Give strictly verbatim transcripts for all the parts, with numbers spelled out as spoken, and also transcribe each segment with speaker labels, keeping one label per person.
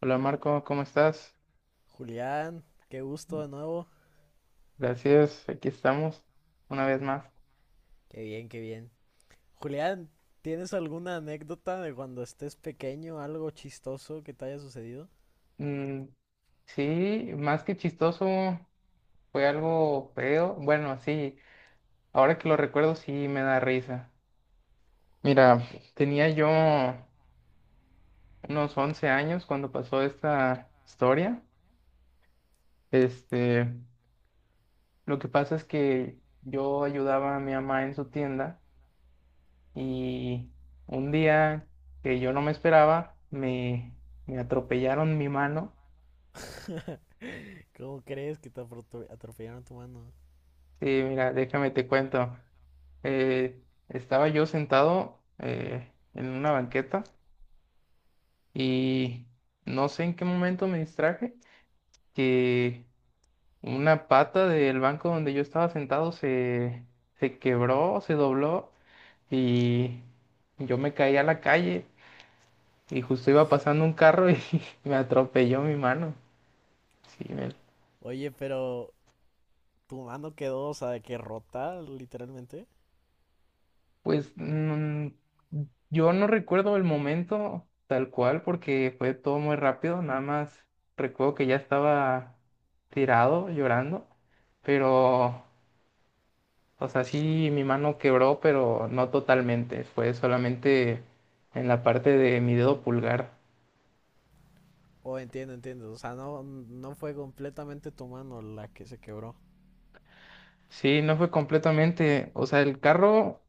Speaker 1: Hola, Marco, ¿cómo estás?
Speaker 2: Julián, qué gusto de nuevo.
Speaker 1: Gracias, aquí estamos una vez más.
Speaker 2: Qué bien, qué bien. Julián, ¿tienes alguna anécdota de cuando estés pequeño, algo chistoso que te haya sucedido?
Speaker 1: Mm, sí, más que chistoso, fue algo feo. Bueno, sí, ahora que lo recuerdo sí me da risa. Mira, tenía yo unos once años cuando pasó esta historia. Este, lo que pasa es que yo ayudaba a mi mamá en su tienda y un día que yo no me esperaba, me, me atropellaron mi mano.
Speaker 2: ¿Cómo crees que te aprotu- atropellaron tu mano?
Speaker 1: Sí, mira, déjame te cuento. Eh, Estaba yo sentado eh, en una banqueta y no sé en qué momento me distraje que una pata del banco donde yo estaba sentado se, se quebró, se dobló y yo me caí a la calle, y justo iba pasando un carro y me atropelló mi mano. Sí, me,
Speaker 2: Oye, pero tu mano quedó, o sea, de que rota, literalmente.
Speaker 1: Pues mm, yo no recuerdo el momento tal cual porque fue todo muy rápido, nada más recuerdo que ya estaba tirado llorando, pero, o sea, sí mi mano quebró, pero no totalmente, fue solamente en la parte de mi dedo pulgar.
Speaker 2: Oh, entiendo, entiendo. O sea, no, no fue completamente tu mano la que se quebró.
Speaker 1: Sí, no fue completamente, o sea, el carro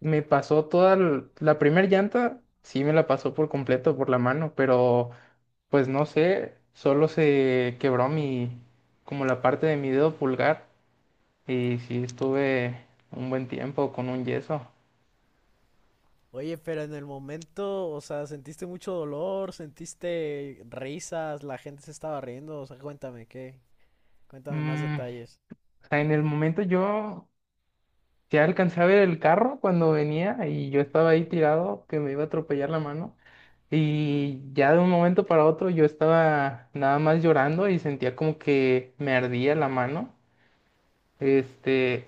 Speaker 1: me pasó toda l- la primera llanta, sí me la pasó por completo por la mano, pero... Pues no sé, solo se quebró mi, como la parte de mi dedo pulgar, y sí estuve un buen tiempo con un yeso.
Speaker 2: Oye, pero en el momento, o sea, ¿sentiste mucho dolor? ¿Sentiste risas? ¿La gente se estaba riendo? O sea, cuéntame, ¿qué? Cuéntame más
Speaker 1: Mm,
Speaker 2: detalles.
Speaker 1: o sea, en el momento yo ya alcancé a ver el carro cuando venía y yo estaba ahí tirado que me iba a atropellar la mano, y ya de un momento para otro yo estaba nada más llorando y sentía como que me ardía la mano. Este,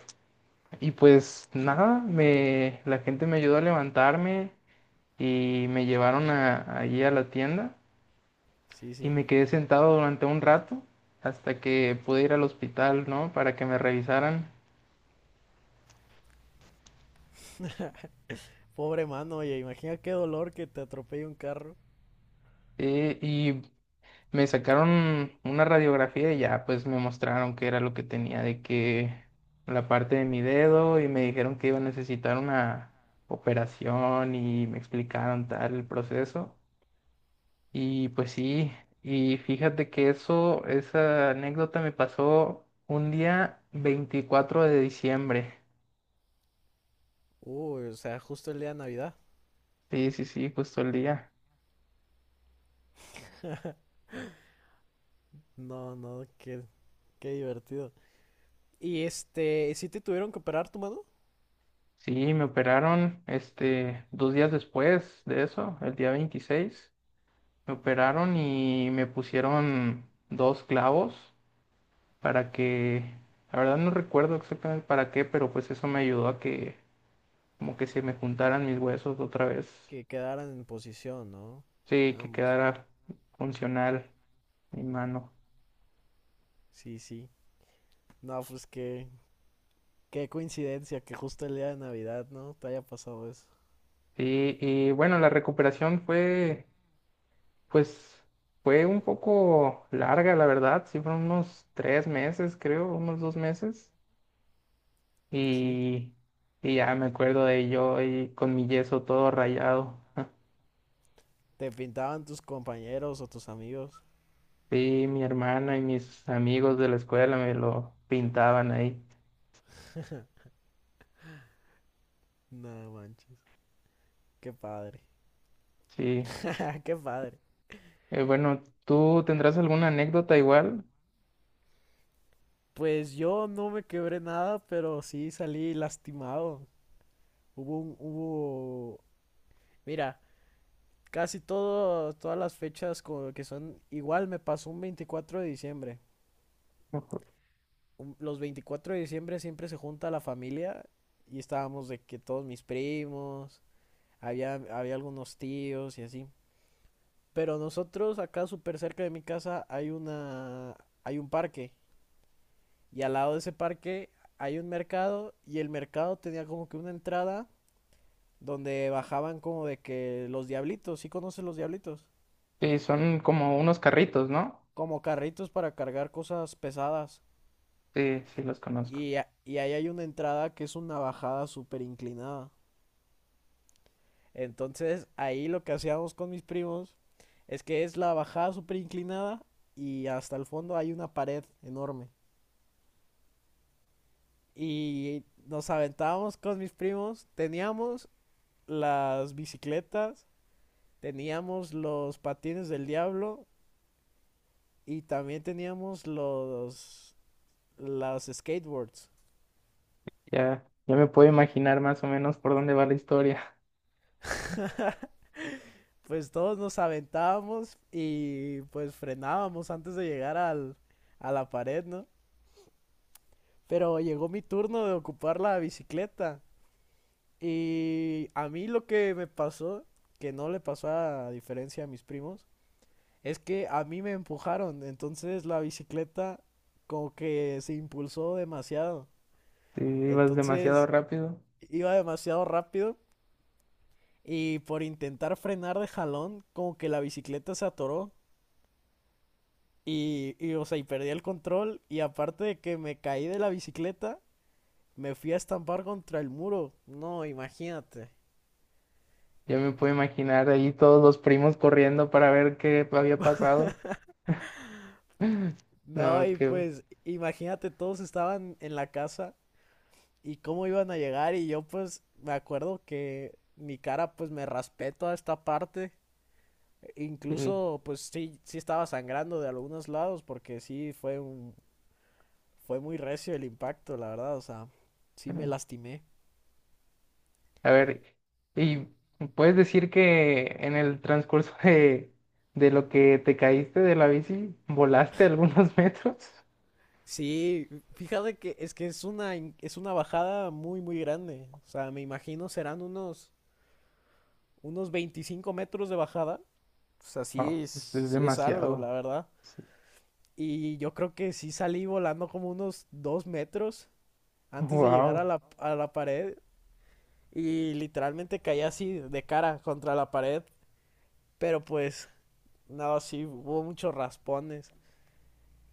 Speaker 1: y pues nada, me, la gente me ayudó a levantarme, y me llevaron a, allí a la tienda,
Speaker 2: Sí,
Speaker 1: y
Speaker 2: sí.
Speaker 1: me quedé sentado durante un rato hasta que pude ir al hospital, ¿no? Para que me revisaran.
Speaker 2: Pobre mano, oye, imagina qué dolor que te atropelle un carro.
Speaker 1: Eh, y me sacaron una radiografía, y ya pues me mostraron qué era lo que tenía, de que la parte de mi dedo, y me dijeron que iba a necesitar una operación y me explicaron tal el proceso. Y pues sí, y fíjate que eso, esa anécdota me pasó un día veinticuatro de diciembre.
Speaker 2: Uy, o sea, justo el día de Navidad.
Speaker 1: Sí, sí, sí, justo el día.
Speaker 2: No, no, qué, qué divertido. Y este, ¿sí te tuvieron que operar tu mano?
Speaker 1: Sí, me operaron, este, dos días después de eso, el día veintiséis me operaron y me pusieron dos clavos para que, la verdad no recuerdo exactamente para qué, pero pues eso me ayudó a que como que se me juntaran mis huesos otra vez.
Speaker 2: Que quedaran en posición, ¿no?
Speaker 1: Sí, que
Speaker 2: Ambos.
Speaker 1: quedara funcional mi mano.
Speaker 2: Sí, sí. No, pues qué, qué coincidencia que justo el día de Navidad, ¿no? Te haya pasado eso.
Speaker 1: Sí, y bueno, la recuperación fue, pues, fue un poco larga, la verdad. Sí, fueron unos tres meses, creo, unos dos meses.
Speaker 2: Sí.
Speaker 1: Y, y ya me acuerdo de yo ahí con mi yeso todo rayado.
Speaker 2: Te pintaban tus compañeros o tus amigos.
Speaker 1: Sí, mi hermana y mis amigos de la escuela me lo pintaban ahí.
Speaker 2: No manches. Qué padre.
Speaker 1: Sí.
Speaker 2: Qué padre.
Speaker 1: Eh, bueno, ¿tú tendrás alguna anécdota igual?
Speaker 2: Pues yo no me quebré nada, pero sí salí lastimado. Hubo un, hubo, Mira, casi todo, todas las fechas co- que son igual me pasó un veinticuatro de diciembre.
Speaker 1: Ujú.
Speaker 2: Un- los veinticuatro de diciembre siempre se junta la familia y estábamos de que todos mis primos, había, había algunos tíos y así. Pero nosotros acá súper cerca de mi casa hay una, hay un parque y al lado de ese parque hay un mercado, y el mercado tenía como que una entrada donde bajaban como de que los diablitos. ¿Sí conoces los diablitos?
Speaker 1: Sí, son como unos carritos, ¿no?
Speaker 2: Como carritos para cargar cosas pesadas.
Speaker 1: Sí, sí los conozco.
Speaker 2: Y, a- y ahí hay una entrada que es una bajada súper inclinada. Entonces ahí lo que hacíamos con mis primos es que es la bajada súper inclinada y hasta el fondo hay una pared enorme. Y nos aventábamos con mis primos. Teníamos las bicicletas, teníamos los patines del diablo y también teníamos los los skateboards.
Speaker 1: Ya, ya me puedo imaginar más o menos por dónde va la historia.
Speaker 2: Pues todos nos aventábamos y pues frenábamos antes de llegar al, a la pared, ¿no? Pero llegó mi turno de ocupar la bicicleta. Y a mí lo que me pasó, que no le pasó a diferencia a mis primos, es que a mí me empujaron. Entonces la bicicleta como que se impulsó demasiado.
Speaker 1: Si ibas demasiado
Speaker 2: Entonces
Speaker 1: rápido,
Speaker 2: iba demasiado rápido y, por intentar frenar de jalón, como que la bicicleta se atoró. Y, y, o sea, y perdí el control. Y aparte de que me caí de la bicicleta, me fui a estampar contra el muro. No, imagínate.
Speaker 1: ya me puedo imaginar ahí todos los primos corriendo para ver qué había pasado.
Speaker 2: No,
Speaker 1: No,
Speaker 2: y
Speaker 1: que...
Speaker 2: pues, imagínate, todos estaban en la casa y cómo iban a llegar. Y yo, pues, me acuerdo que mi cara, pues, me raspé toda esta parte.
Speaker 1: eh,
Speaker 2: Incluso, pues, sí, sí estaba sangrando de algunos lados porque sí fue un, fue muy recio el impacto, la verdad. O sea, sí me lastimé.
Speaker 1: A ver, ¿y puedes decir que en el transcurso de, de lo que te caíste de la bici, volaste algunos metros?
Speaker 2: Sí, fíjate que es que es una, in- es una bajada muy, muy grande. O sea, me imagino serán unos, unos veinticinco metros de bajada. O sea, sí,
Speaker 1: Oh,
Speaker 2: es-
Speaker 1: pues es
Speaker 2: sí es algo, la
Speaker 1: demasiado.
Speaker 2: verdad. Y yo creo que sí salí volando como unos dos metros antes de llegar a
Speaker 1: Wow.
Speaker 2: la, a la pared. Y literalmente caí así de cara contra la pared. Pero pues, no, sí, hubo muchos raspones.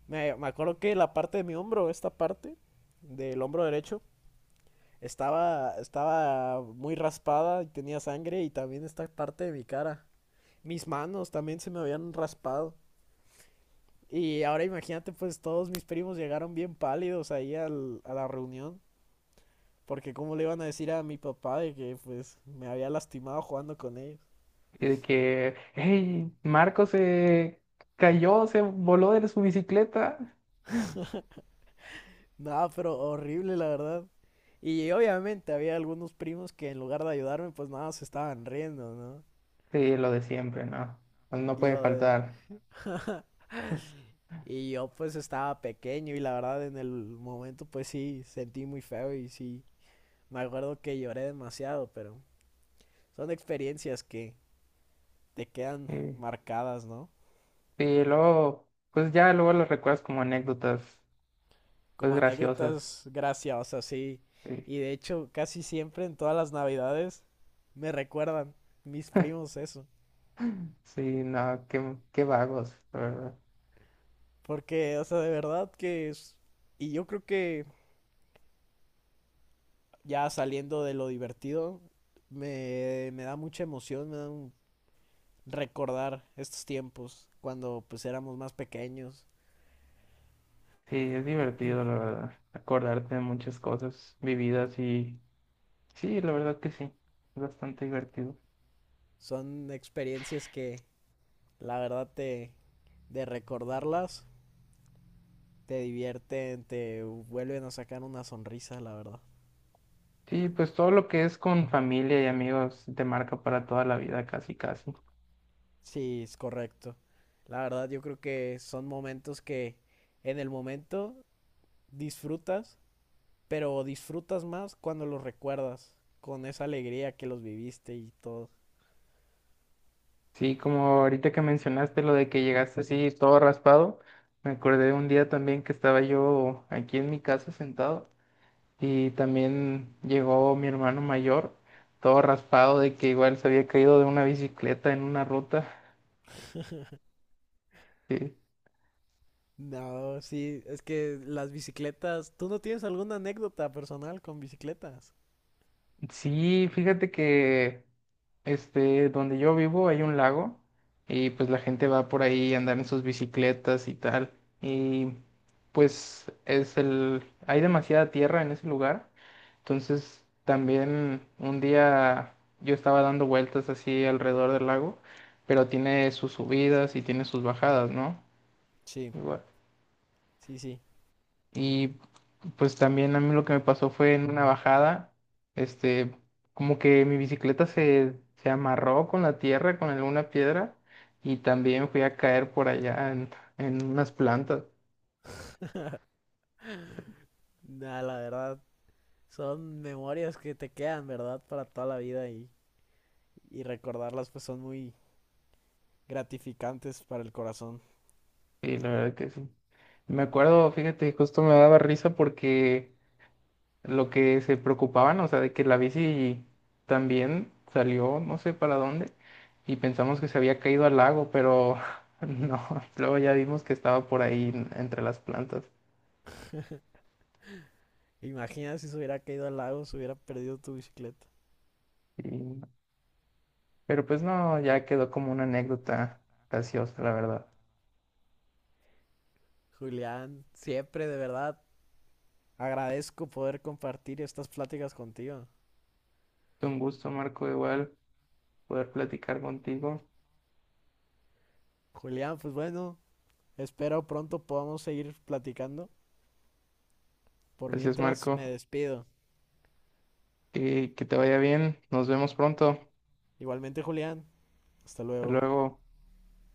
Speaker 2: Me, me acuerdo que la parte de mi hombro, esta parte del hombro derecho, estaba, estaba muy raspada y tenía sangre, y también esta parte de mi cara. Mis manos también se me habían raspado. Y ahora imagínate, pues todos mis primos llegaron bien pálidos ahí al- a la reunión. Porque cómo le iban a decir a mi papá de que pues me había lastimado jugando con ellos.
Speaker 1: Y de que, hey, Marco se cayó, se voló de su bicicleta.
Speaker 2: Nada, pero horrible la verdad. Y obviamente había algunos primos que en lugar de ayudarme, pues nada, se estaban riendo, ¿no?
Speaker 1: Sí, lo de siempre, ¿no? Pues no
Speaker 2: Y
Speaker 1: puede
Speaker 2: lo de,
Speaker 1: faltar.
Speaker 2: Y yo pues estaba pequeño y la verdad en el momento pues sí sentí muy feo y sí me acuerdo que lloré demasiado, pero son experiencias que te quedan
Speaker 1: Sí,
Speaker 2: marcadas, ¿no?
Speaker 1: sí, y luego, pues ya luego lo recuerdas como anécdotas, pues
Speaker 2: Como
Speaker 1: graciosas.
Speaker 2: anécdotas graciosas, sí.
Speaker 1: Sí,
Speaker 2: Y de hecho casi siempre en todas las navidades me recuerdan mis primos eso.
Speaker 1: sí, no, qué, qué vagos, la verdad.
Speaker 2: Porque, o sea, de verdad que es... Y yo creo que ya saliendo de lo divertido, me, me da mucha emoción, me da un recordar estos tiempos cuando pues éramos más pequeños.
Speaker 1: Sí, es divertido, la verdad, acordarte de muchas cosas vividas, y sí, la verdad que sí, es bastante divertido.
Speaker 2: Son experiencias que la verdad te de recordarlas te divierten, te vuelven a sacar una sonrisa, la verdad.
Speaker 1: Sí, pues todo lo que es con familia y amigos te marca para toda la vida, casi, casi.
Speaker 2: Sí, es correcto. La verdad yo creo que son momentos que en el momento disfrutas, pero disfrutas más cuando los recuerdas con esa alegría que los viviste y todo.
Speaker 1: Sí, como ahorita que mencionaste lo de que llegaste así todo raspado, me acordé de un día también que estaba yo aquí en mi casa sentado, y también llegó mi hermano mayor todo raspado, de que igual se había caído de una bicicleta en una ruta. Sí.
Speaker 2: No, sí, es que las bicicletas. ¿Tú no tienes alguna anécdota personal con bicicletas?
Speaker 1: Sí, fíjate que este donde yo vivo hay un lago, y pues la gente va por ahí a andar en sus bicicletas y tal. Y pues es el, hay demasiada tierra en ese lugar. Entonces, también un día yo estaba dando vueltas así alrededor del lago, pero tiene sus subidas y tiene sus bajadas, ¿no?
Speaker 2: Sí,
Speaker 1: Igual.
Speaker 2: sí, sí.
Speaker 1: Y pues también a mí lo que me pasó fue en una bajada, este, como que mi bicicleta se, se amarró con la tierra, con alguna piedra, y también fui a caer por allá en, en unas plantas.
Speaker 2: Nah, la verdad, son memorias que te quedan, ¿verdad? Para toda la vida y, y recordarlas pues son muy gratificantes para el corazón.
Speaker 1: Y la verdad que sí. Me acuerdo, fíjate, justo me daba risa porque lo que se preocupaban, o sea, de que la bici también salió, no sé para dónde, y pensamos que se había caído al lago, pero no, luego ya vimos que estaba por ahí en- entre las plantas.
Speaker 2: Imagina si se hubiera caído al lago, se hubiera perdido tu bicicleta.
Speaker 1: Y- pero pues no, ya quedó como una anécdota graciosa, la verdad.
Speaker 2: Julián, siempre de verdad agradezco poder compartir estas pláticas contigo.
Speaker 1: Fue Un gusto, Marco, igual poder platicar contigo.
Speaker 2: Julián, pues bueno, espero pronto podamos seguir platicando. Por
Speaker 1: Gracias,
Speaker 2: mientras me
Speaker 1: Marco.
Speaker 2: despido.
Speaker 1: Y que te vaya bien. Nos vemos pronto.
Speaker 2: Igualmente, Julián, hasta
Speaker 1: Hasta
Speaker 2: luego.
Speaker 1: luego.